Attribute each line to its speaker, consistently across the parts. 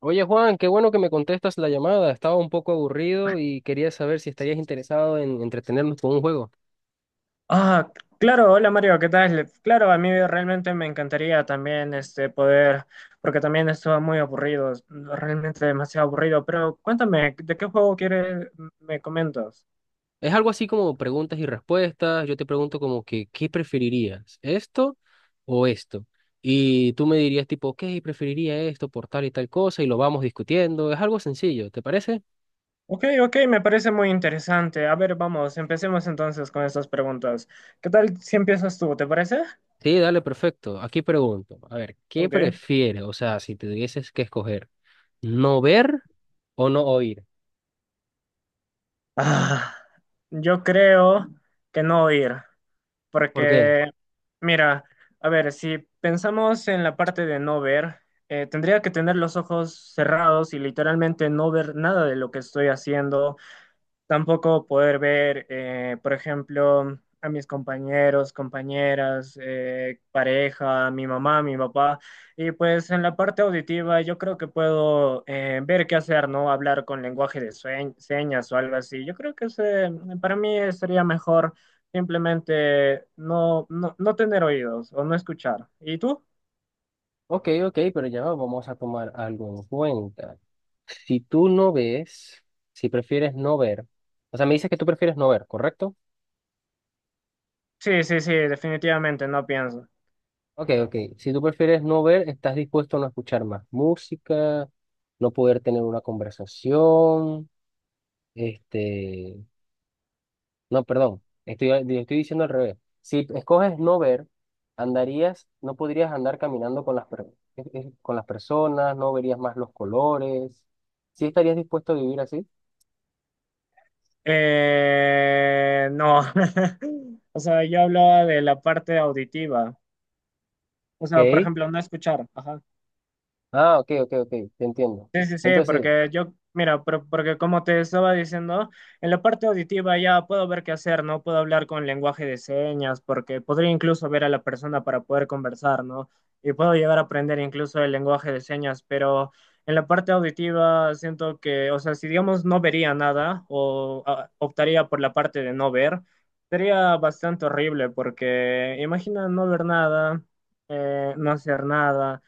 Speaker 1: Oye Juan, qué bueno que me contestas la llamada. Estaba un poco aburrido y quería saber si estarías interesado en entretenernos con un juego.
Speaker 2: Ah, claro, hola Mario, ¿qué tal? Claro, a mí realmente me encantaría también este poder, porque también estuvo muy aburrido, realmente demasiado aburrido, pero cuéntame, ¿de qué juego quieres, me comentas?
Speaker 1: Es algo así como preguntas y respuestas. Yo te pregunto como que, ¿qué preferirías? ¿Esto o esto? Y tú me dirías tipo, ok, preferiría esto por tal y tal cosa y lo vamos discutiendo. Es algo sencillo, ¿te parece?
Speaker 2: Ok, me parece muy interesante. A ver, vamos, empecemos entonces con estas preguntas. ¿Qué tal si empiezas tú, te parece?
Speaker 1: Sí, dale, perfecto. Aquí pregunto, a ver, ¿qué
Speaker 2: Ok.
Speaker 1: prefieres? O sea, si te tuvieses que escoger, ¿no ver o no oír?
Speaker 2: Ah, yo creo que no ir.
Speaker 1: ¿Por qué?
Speaker 2: Porque, mira, a ver, si pensamos en la parte de no ver, tendría que tener los ojos cerrados y literalmente no ver nada de lo que estoy haciendo. Tampoco poder ver, por ejemplo, a mis compañeros, compañeras, pareja, mi mamá, mi papá. Y pues en la parte auditiva yo creo que puedo ver qué hacer, ¿no? Hablar con lenguaje de señas o algo así. Yo creo que ese, para mí sería mejor simplemente no tener oídos o no escuchar. ¿Y tú?
Speaker 1: Ok, ok, pero ya vamos a tomar algo en cuenta. Si tú no ves, si prefieres no ver, o sea, me dices que tú prefieres no ver, ¿correcto?
Speaker 2: Sí, sí, sí, definitivamente no pienso.
Speaker 1: Ok, ok. Si tú prefieres no ver, estás dispuesto a no escuchar más música, no poder tener una conversación, este, no, perdón, estoy diciendo al revés. Si escoges no ver, no podrías andar caminando con con las personas, no verías más los colores. ¿Sí estarías dispuesto a vivir así?
Speaker 2: No, o sea, yo hablaba de la parte auditiva, o sea, por
Speaker 1: Ok.
Speaker 2: ejemplo, no escuchar, ajá.
Speaker 1: Ah, ok, ok, ok, te entiendo.
Speaker 2: Sí, sí, sí,
Speaker 1: Entonces,
Speaker 2: porque yo, mira, porque como te estaba diciendo, en la parte auditiva ya puedo ver qué hacer, ¿no? Puedo hablar con lenguaje de señas, porque podría incluso ver a la persona para poder conversar, ¿no? Y puedo llegar a aprender incluso el lenguaje de señas, pero en la parte auditiva siento que, o sea, si digamos no vería nada o ah, optaría por la parte de no ver, sería bastante horrible, porque imagina no ver nada, no hacer nada,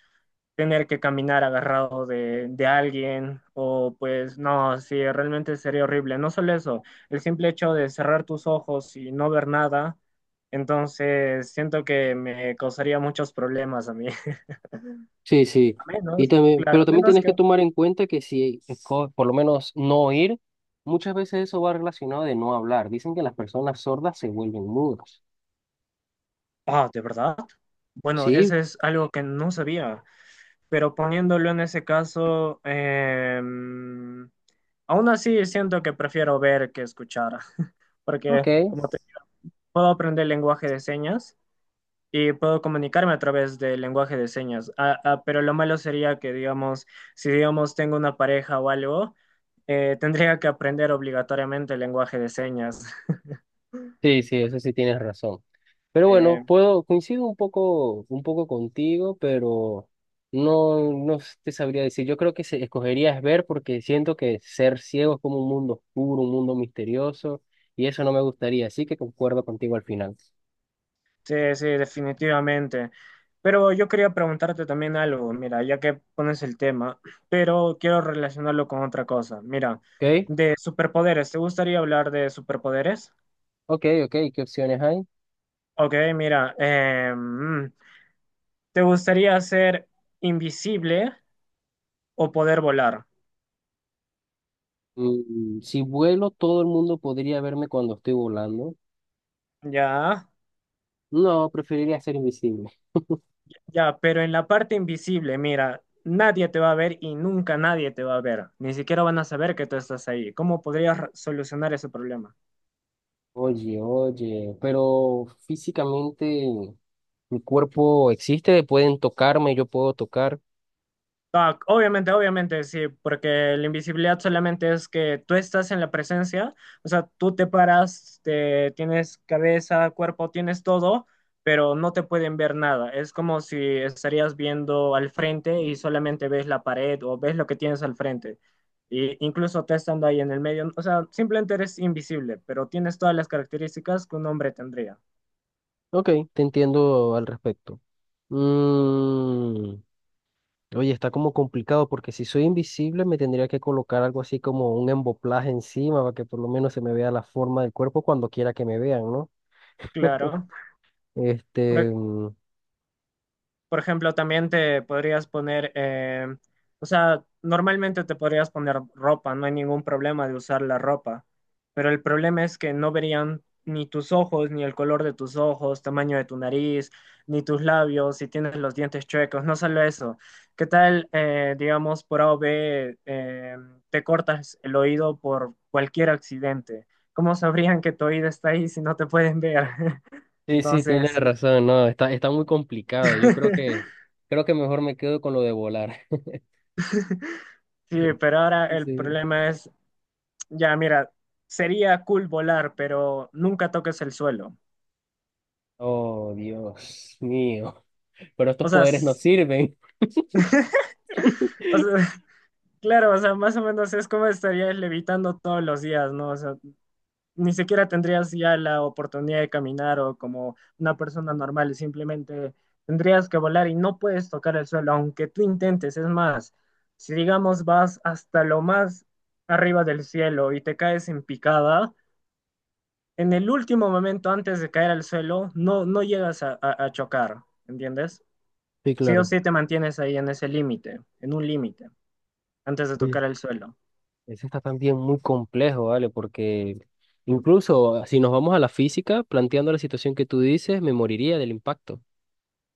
Speaker 2: tener que caminar agarrado de alguien o pues no, sí, realmente sería horrible. No solo eso, el simple hecho de cerrar tus ojos y no ver nada, entonces siento que me causaría muchos problemas a mí.
Speaker 1: sí, sí.
Speaker 2: A
Speaker 1: Y
Speaker 2: menos,
Speaker 1: también, pero
Speaker 2: claro, a
Speaker 1: también
Speaker 2: menos
Speaker 1: tienes que
Speaker 2: que...
Speaker 1: tomar en cuenta que si por lo menos no oír, muchas veces eso va relacionado de no hablar. Dicen que las personas sordas se vuelven mudas.
Speaker 2: Ah, ¿de verdad? Bueno, eso
Speaker 1: Sí,
Speaker 2: es algo que no sabía, pero poniéndolo en ese caso, aún así siento que prefiero ver que escuchar, porque
Speaker 1: ok.
Speaker 2: como te puedo aprender lenguaje de señas y puedo comunicarme a través del lenguaje de señas. Ah, ah, pero lo malo sería que, digamos, si digamos tengo una pareja o algo, tendría que aprender obligatoriamente el lenguaje de señas.
Speaker 1: Sí, sí, eso sí tienes razón. Pero bueno,
Speaker 2: Eh,
Speaker 1: puedo, coincido un poco contigo, pero no te sabría decir. Yo creo que escogería ver porque siento que ser ciego es como un mundo oscuro, un mundo misterioso, y eso no me gustaría, así que concuerdo contigo al final.
Speaker 2: sí, sí, definitivamente. Pero yo quería preguntarte también algo, mira, ya que pones el tema, pero quiero relacionarlo con otra cosa. Mira,
Speaker 1: ¿Ok?
Speaker 2: de superpoderes, ¿te gustaría hablar de superpoderes?
Speaker 1: Ok, ok, ¿qué opciones hay?
Speaker 2: Ok, mira, ¿te gustaría ser invisible o poder volar?
Speaker 1: Si vuelo, todo el mundo podría verme cuando estoy volando.
Speaker 2: Ya,
Speaker 1: No, preferiría ser invisible.
Speaker 2: ya, pero en la parte invisible, mira, nadie te va a ver y nunca nadie te va a ver. Ni siquiera van a saber que tú estás ahí. ¿Cómo podrías solucionar ese problema?
Speaker 1: Oye, oye, pero físicamente. Mi cuerpo existe, pueden tocarme, yo puedo tocar.
Speaker 2: Ah, obviamente, obviamente, sí, porque la invisibilidad solamente es que tú estás en la presencia, o sea, tú te paras, tienes cabeza, cuerpo, tienes todo, pero no te pueden ver nada. Es como si estarías viendo al frente y solamente ves la pared o ves lo que tienes al frente. Y incluso te estando ahí en el medio, o sea, simplemente eres invisible, pero tienes todas las características que un hombre tendría.
Speaker 1: Ok, te entiendo al respecto. Mm, oye, está como complicado porque si soy invisible me tendría que colocar algo así como un emboplaje encima para que por lo menos se me vea la forma del cuerpo cuando quiera que me vean, ¿no?
Speaker 2: Claro.
Speaker 1: Este, mm,
Speaker 2: Por ejemplo, también te podrías poner, o sea, normalmente te podrías poner ropa, no hay ningún problema de usar la ropa, pero el problema es que no verían ni tus ojos, ni el color de tus ojos, tamaño de tu nariz, ni tus labios, si tienes los dientes chuecos, no solo eso. ¿Qué tal, digamos, por A o B, te cortas el oído por cualquier accidente? ¿Cómo sabrían que tu oído está ahí si no te pueden ver?
Speaker 1: sí, sí, tienes
Speaker 2: Entonces...
Speaker 1: razón, no, está, está muy complicado. Creo que mejor me quedo con lo de volar.
Speaker 2: Sí, pero ahora el
Speaker 1: Sí.
Speaker 2: problema es, ya mira, sería cool volar, pero nunca toques el suelo.
Speaker 1: Oh, Dios mío, pero estos
Speaker 2: O sea,
Speaker 1: poderes no
Speaker 2: s-
Speaker 1: sirven.
Speaker 2: o sea, claro, o sea, más o menos es como estarías levitando todos los días, ¿no? O sea, ni siquiera tendrías ya la oportunidad de caminar o como una persona normal, simplemente tendrías que volar y no puedes tocar el suelo, aunque tú intentes. Es más, si digamos vas hasta lo más arriba del cielo y te caes en picada, en el último momento antes de caer al suelo, no llegas a chocar, ¿entiendes?
Speaker 1: Sí,
Speaker 2: Sí o
Speaker 1: claro.
Speaker 2: sí te mantienes ahí en ese límite, en un límite, antes de
Speaker 1: oye
Speaker 2: tocar el suelo.
Speaker 1: Ese está también muy complejo, ¿vale? Porque incluso si nos vamos a la física, planteando la situación que tú dices, me moriría del impacto.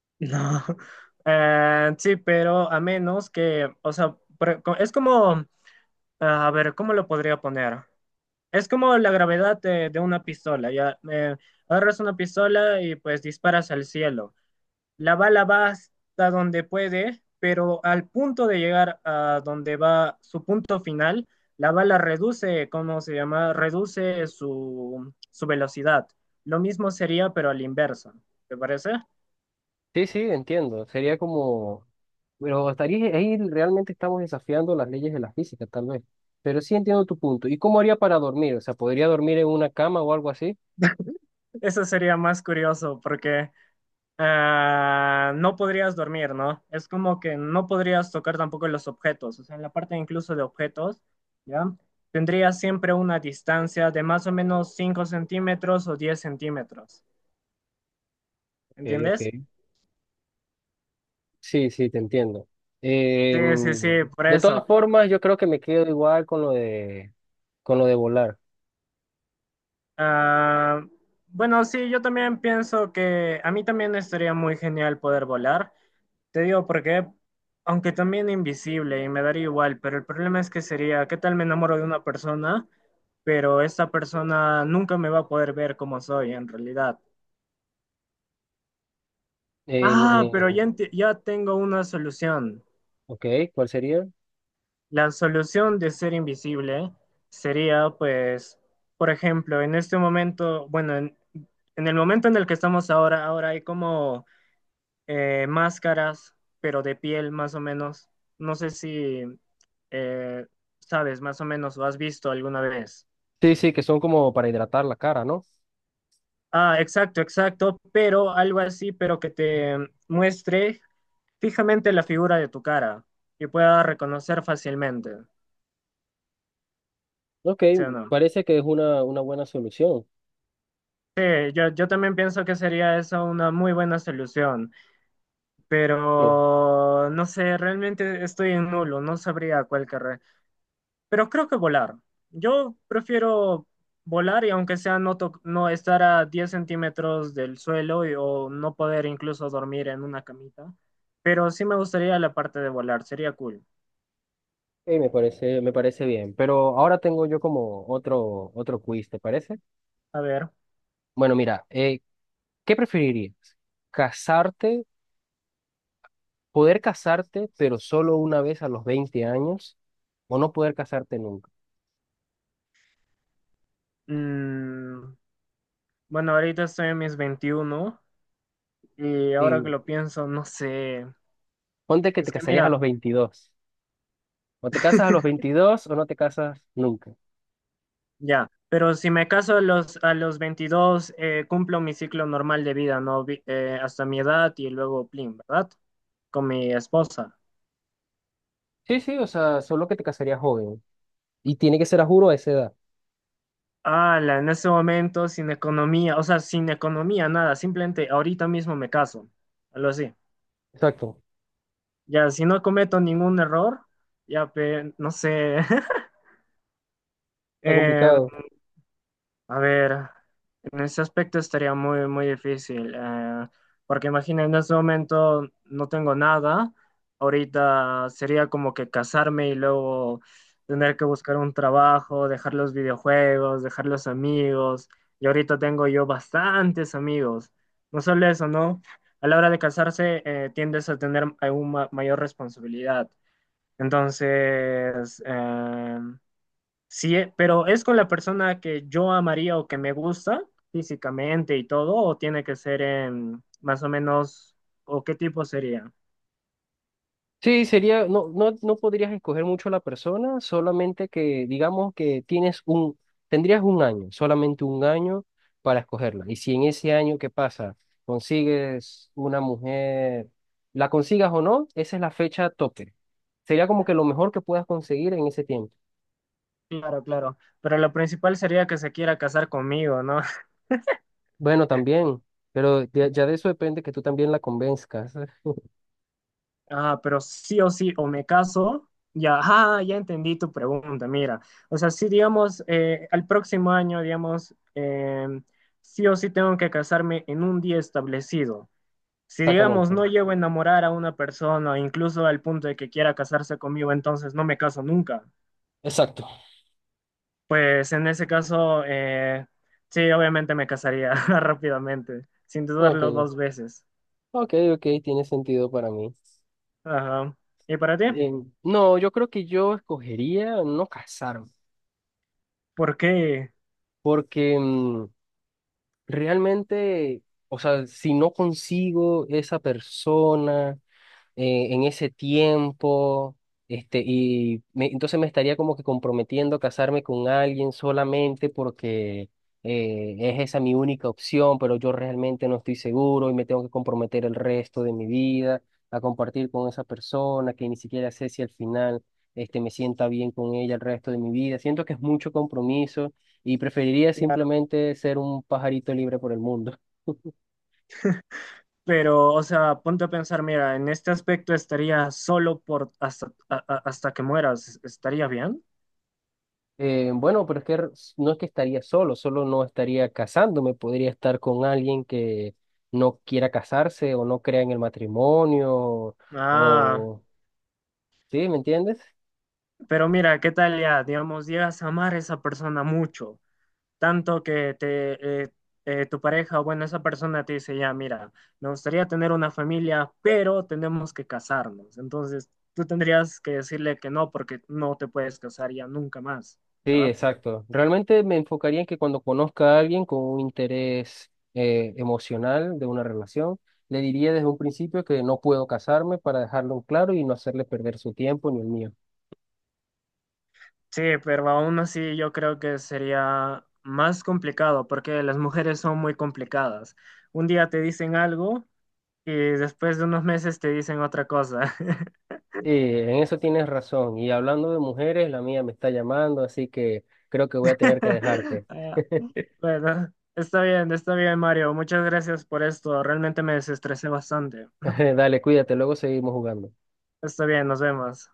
Speaker 2: No. Sí, pero a menos que, o sea, es como, a ver, ¿cómo lo podría poner? Es como la gravedad de una pistola, ya. Agarras una pistola y pues disparas al cielo. La bala va hasta donde puede, pero al punto de llegar a donde va su punto final, la bala reduce, ¿cómo se llama? Reduce su velocidad. Lo mismo sería, pero al inverso. ¿Te parece?
Speaker 1: Sí, sí, entiendo. Pero estaría ahí realmente estamos desafiando las leyes de la física, tal vez. Pero sí entiendo tu punto. ¿Y cómo haría para dormir? O sea, ¿podría dormir en una cama o algo así?
Speaker 2: Eso sería más curioso porque ah, no podrías dormir, ¿no? Es como que no podrías tocar tampoco los objetos. O sea, en la parte incluso de objetos, ¿ya? Tendrías siempre una distancia de más o menos 5 centímetros o 10 centímetros.
Speaker 1: Ok,
Speaker 2: ¿Entiendes?
Speaker 1: ok. Sí, sí, te entiendo.
Speaker 2: Sí, sí, sí, por
Speaker 1: De todas
Speaker 2: eso.
Speaker 1: formas, yo creo que me quedo igual con lo de volar.
Speaker 2: Ah, bueno, sí, yo también pienso que a mí también estaría muy genial poder volar. Te digo porque, aunque también invisible y me daría igual, pero el problema es que sería, ¿qué tal me enamoro de una persona? Pero esta persona nunca me va a poder ver como soy en realidad.
Speaker 1: En-
Speaker 2: Ah, pero
Speaker 1: en-
Speaker 2: ya, ya tengo una solución.
Speaker 1: ok, ¿cuál sería?
Speaker 2: La solución de ser invisible sería, pues, por ejemplo, en este momento, bueno, en el momento en el que estamos ahora, ahora hay como máscaras, pero de piel más o menos. No sé si eh, sabes más o menos o has visto alguna vez.
Speaker 1: Sí, sí, que son como para hidratar la cara, ¿no?
Speaker 2: Ah, exacto, exacto, pero algo así, pero que te muestre fijamente la figura de tu cara y pueda reconocer fácilmente,
Speaker 1: Ok,
Speaker 2: ¿sí o no?
Speaker 1: parece que es una buena solución.
Speaker 2: Sí, yo también pienso que sería eso una muy buena solución,
Speaker 1: Sí,
Speaker 2: pero no sé, realmente estoy en nulo, no sabría cuál querré, pero creo que volar. Yo prefiero volar y aunque sea no estar a 10 centímetros del suelo o no poder incluso dormir en una camita, pero sí me gustaría la parte de volar, sería cool.
Speaker 1: sí, me parece bien. Pero ahora tengo yo como otro quiz, ¿te parece?
Speaker 2: A ver,
Speaker 1: Bueno, mira, ¿qué preferirías? ¿Casarte, poder casarte, pero solo una vez a los 20 años, o no poder casarte nunca?
Speaker 2: mm, bueno, ahorita estoy en mis 21 y ahora que
Speaker 1: Y
Speaker 2: lo pienso, no sé,
Speaker 1: ponte que te
Speaker 2: es que
Speaker 1: casarías a
Speaker 2: mira.
Speaker 1: los 22. O te casas a los 22 o no te casas nunca.
Speaker 2: Ya, pero si me caso a los 22 cumplo mi ciclo normal de vida, ¿no? Hasta mi edad y luego, plin, ¿verdad? Con mi esposa.
Speaker 1: Sí, sí, o sea, solo que te casarías joven. Y tiene que ser a juro a esa edad.
Speaker 2: Ala, en ese momento, sin economía, o sea, sin economía, nada, simplemente ahorita mismo me caso, algo así.
Speaker 1: Exacto,
Speaker 2: Ya, si no cometo ningún error, ya, no sé,
Speaker 1: está
Speaker 2: eh,
Speaker 1: complicado.
Speaker 2: a ver, en ese aspecto estaría muy, muy difícil, porque imagina, en este momento no tengo nada, ahorita sería como que casarme y luego tener que buscar un trabajo, dejar los videojuegos, dejar los amigos, y ahorita tengo yo bastantes amigos. No solo eso, ¿no? A la hora de casarse, tiendes a tener aún mayor responsabilidad. Entonces, sí, pero ¿es con la persona que yo amaría o que me gusta físicamente y todo? ¿O tiene que ser en más o menos, o qué tipo sería?
Speaker 1: Sí, sería, no, no, no podrías escoger mucho la persona, solamente que digamos que tendrías un año, solamente un año para escogerla. Y si en ese año que pasa consigues una mujer, la consigas o no, esa es la fecha tope. Sería como que lo mejor que puedas conseguir en ese tiempo.
Speaker 2: Claro, claro. Pero lo principal sería que se quiera casar conmigo, ¿no?
Speaker 1: Bueno, también, pero ya de eso depende que tú también la convenzcas.
Speaker 2: Ah, pero sí o sí, o me caso, ya, ah, ya entendí tu pregunta, mira. O sea, sí, digamos, al próximo año, digamos, sí o sí tengo que casarme en un día establecido. Si digamos
Speaker 1: Exactamente.
Speaker 2: no llego a enamorar a una persona, incluso al punto de que quiera casarse conmigo, entonces no me caso nunca.
Speaker 1: Exacto.
Speaker 2: Pues en ese caso, sí, obviamente me casaría rápidamente, sin
Speaker 1: Ok,
Speaker 2: dudarlo dos veces.
Speaker 1: ok, ok, tiene sentido para mí.
Speaker 2: Ajá. ¿Y para ti?
Speaker 1: Eh, no, yo creo que yo escogería no casarme,
Speaker 2: ¿Por qué?
Speaker 1: porque realmente, o sea, si no consigo esa persona, en ese tiempo, entonces me estaría como que comprometiendo a casarme con alguien solamente porque es esa mi única opción, pero yo realmente no estoy seguro y me tengo que comprometer el resto de mi vida a compartir con esa persona que ni siquiera sé si al final me sienta bien con ella el resto de mi vida. Siento que es mucho compromiso y preferiría
Speaker 2: Claro.
Speaker 1: simplemente ser un pajarito libre por el mundo.
Speaker 2: Pero, o sea, ponte a pensar, mira, en este aspecto estaría solo por hasta, hasta que mueras, ¿estaría bien?
Speaker 1: Bueno, pero es que no es que estaría solo, solo no estaría casándome, podría estar con alguien que no quiera casarse o no crea en el matrimonio
Speaker 2: Ah,
Speaker 1: o... ¿Sí? ¿Me entiendes?
Speaker 2: pero mira, ¿qué tal ya? Digamos, llegas a amar a esa persona mucho, tanto que te, tu pareja o bueno, esa persona te dice, ya, mira, me gustaría tener una familia, pero tenemos que casarnos. Entonces, tú tendrías que decirle que no, porque no te puedes casar ya nunca más,
Speaker 1: Sí,
Speaker 2: ¿verdad?
Speaker 1: exacto. Realmente me enfocaría en que cuando conozca a alguien con un interés emocional de una relación, le diría desde un principio que no puedo casarme para dejarlo en claro y no hacerle perder su tiempo ni el mío.
Speaker 2: Sí, pero aún así yo creo que sería más complicado, porque las mujeres son muy complicadas. Un día te dicen algo y después de unos meses te dicen otra cosa.
Speaker 1: Sí, en eso tienes razón. Y hablando de mujeres, la mía me está llamando, así que creo que voy a tener que dejarte.
Speaker 2: Ah, bueno, está bien, Mario. Muchas gracias por esto. Realmente me desestresé bastante.
Speaker 1: Dale, cuídate, luego seguimos jugando.
Speaker 2: Está bien, nos vemos.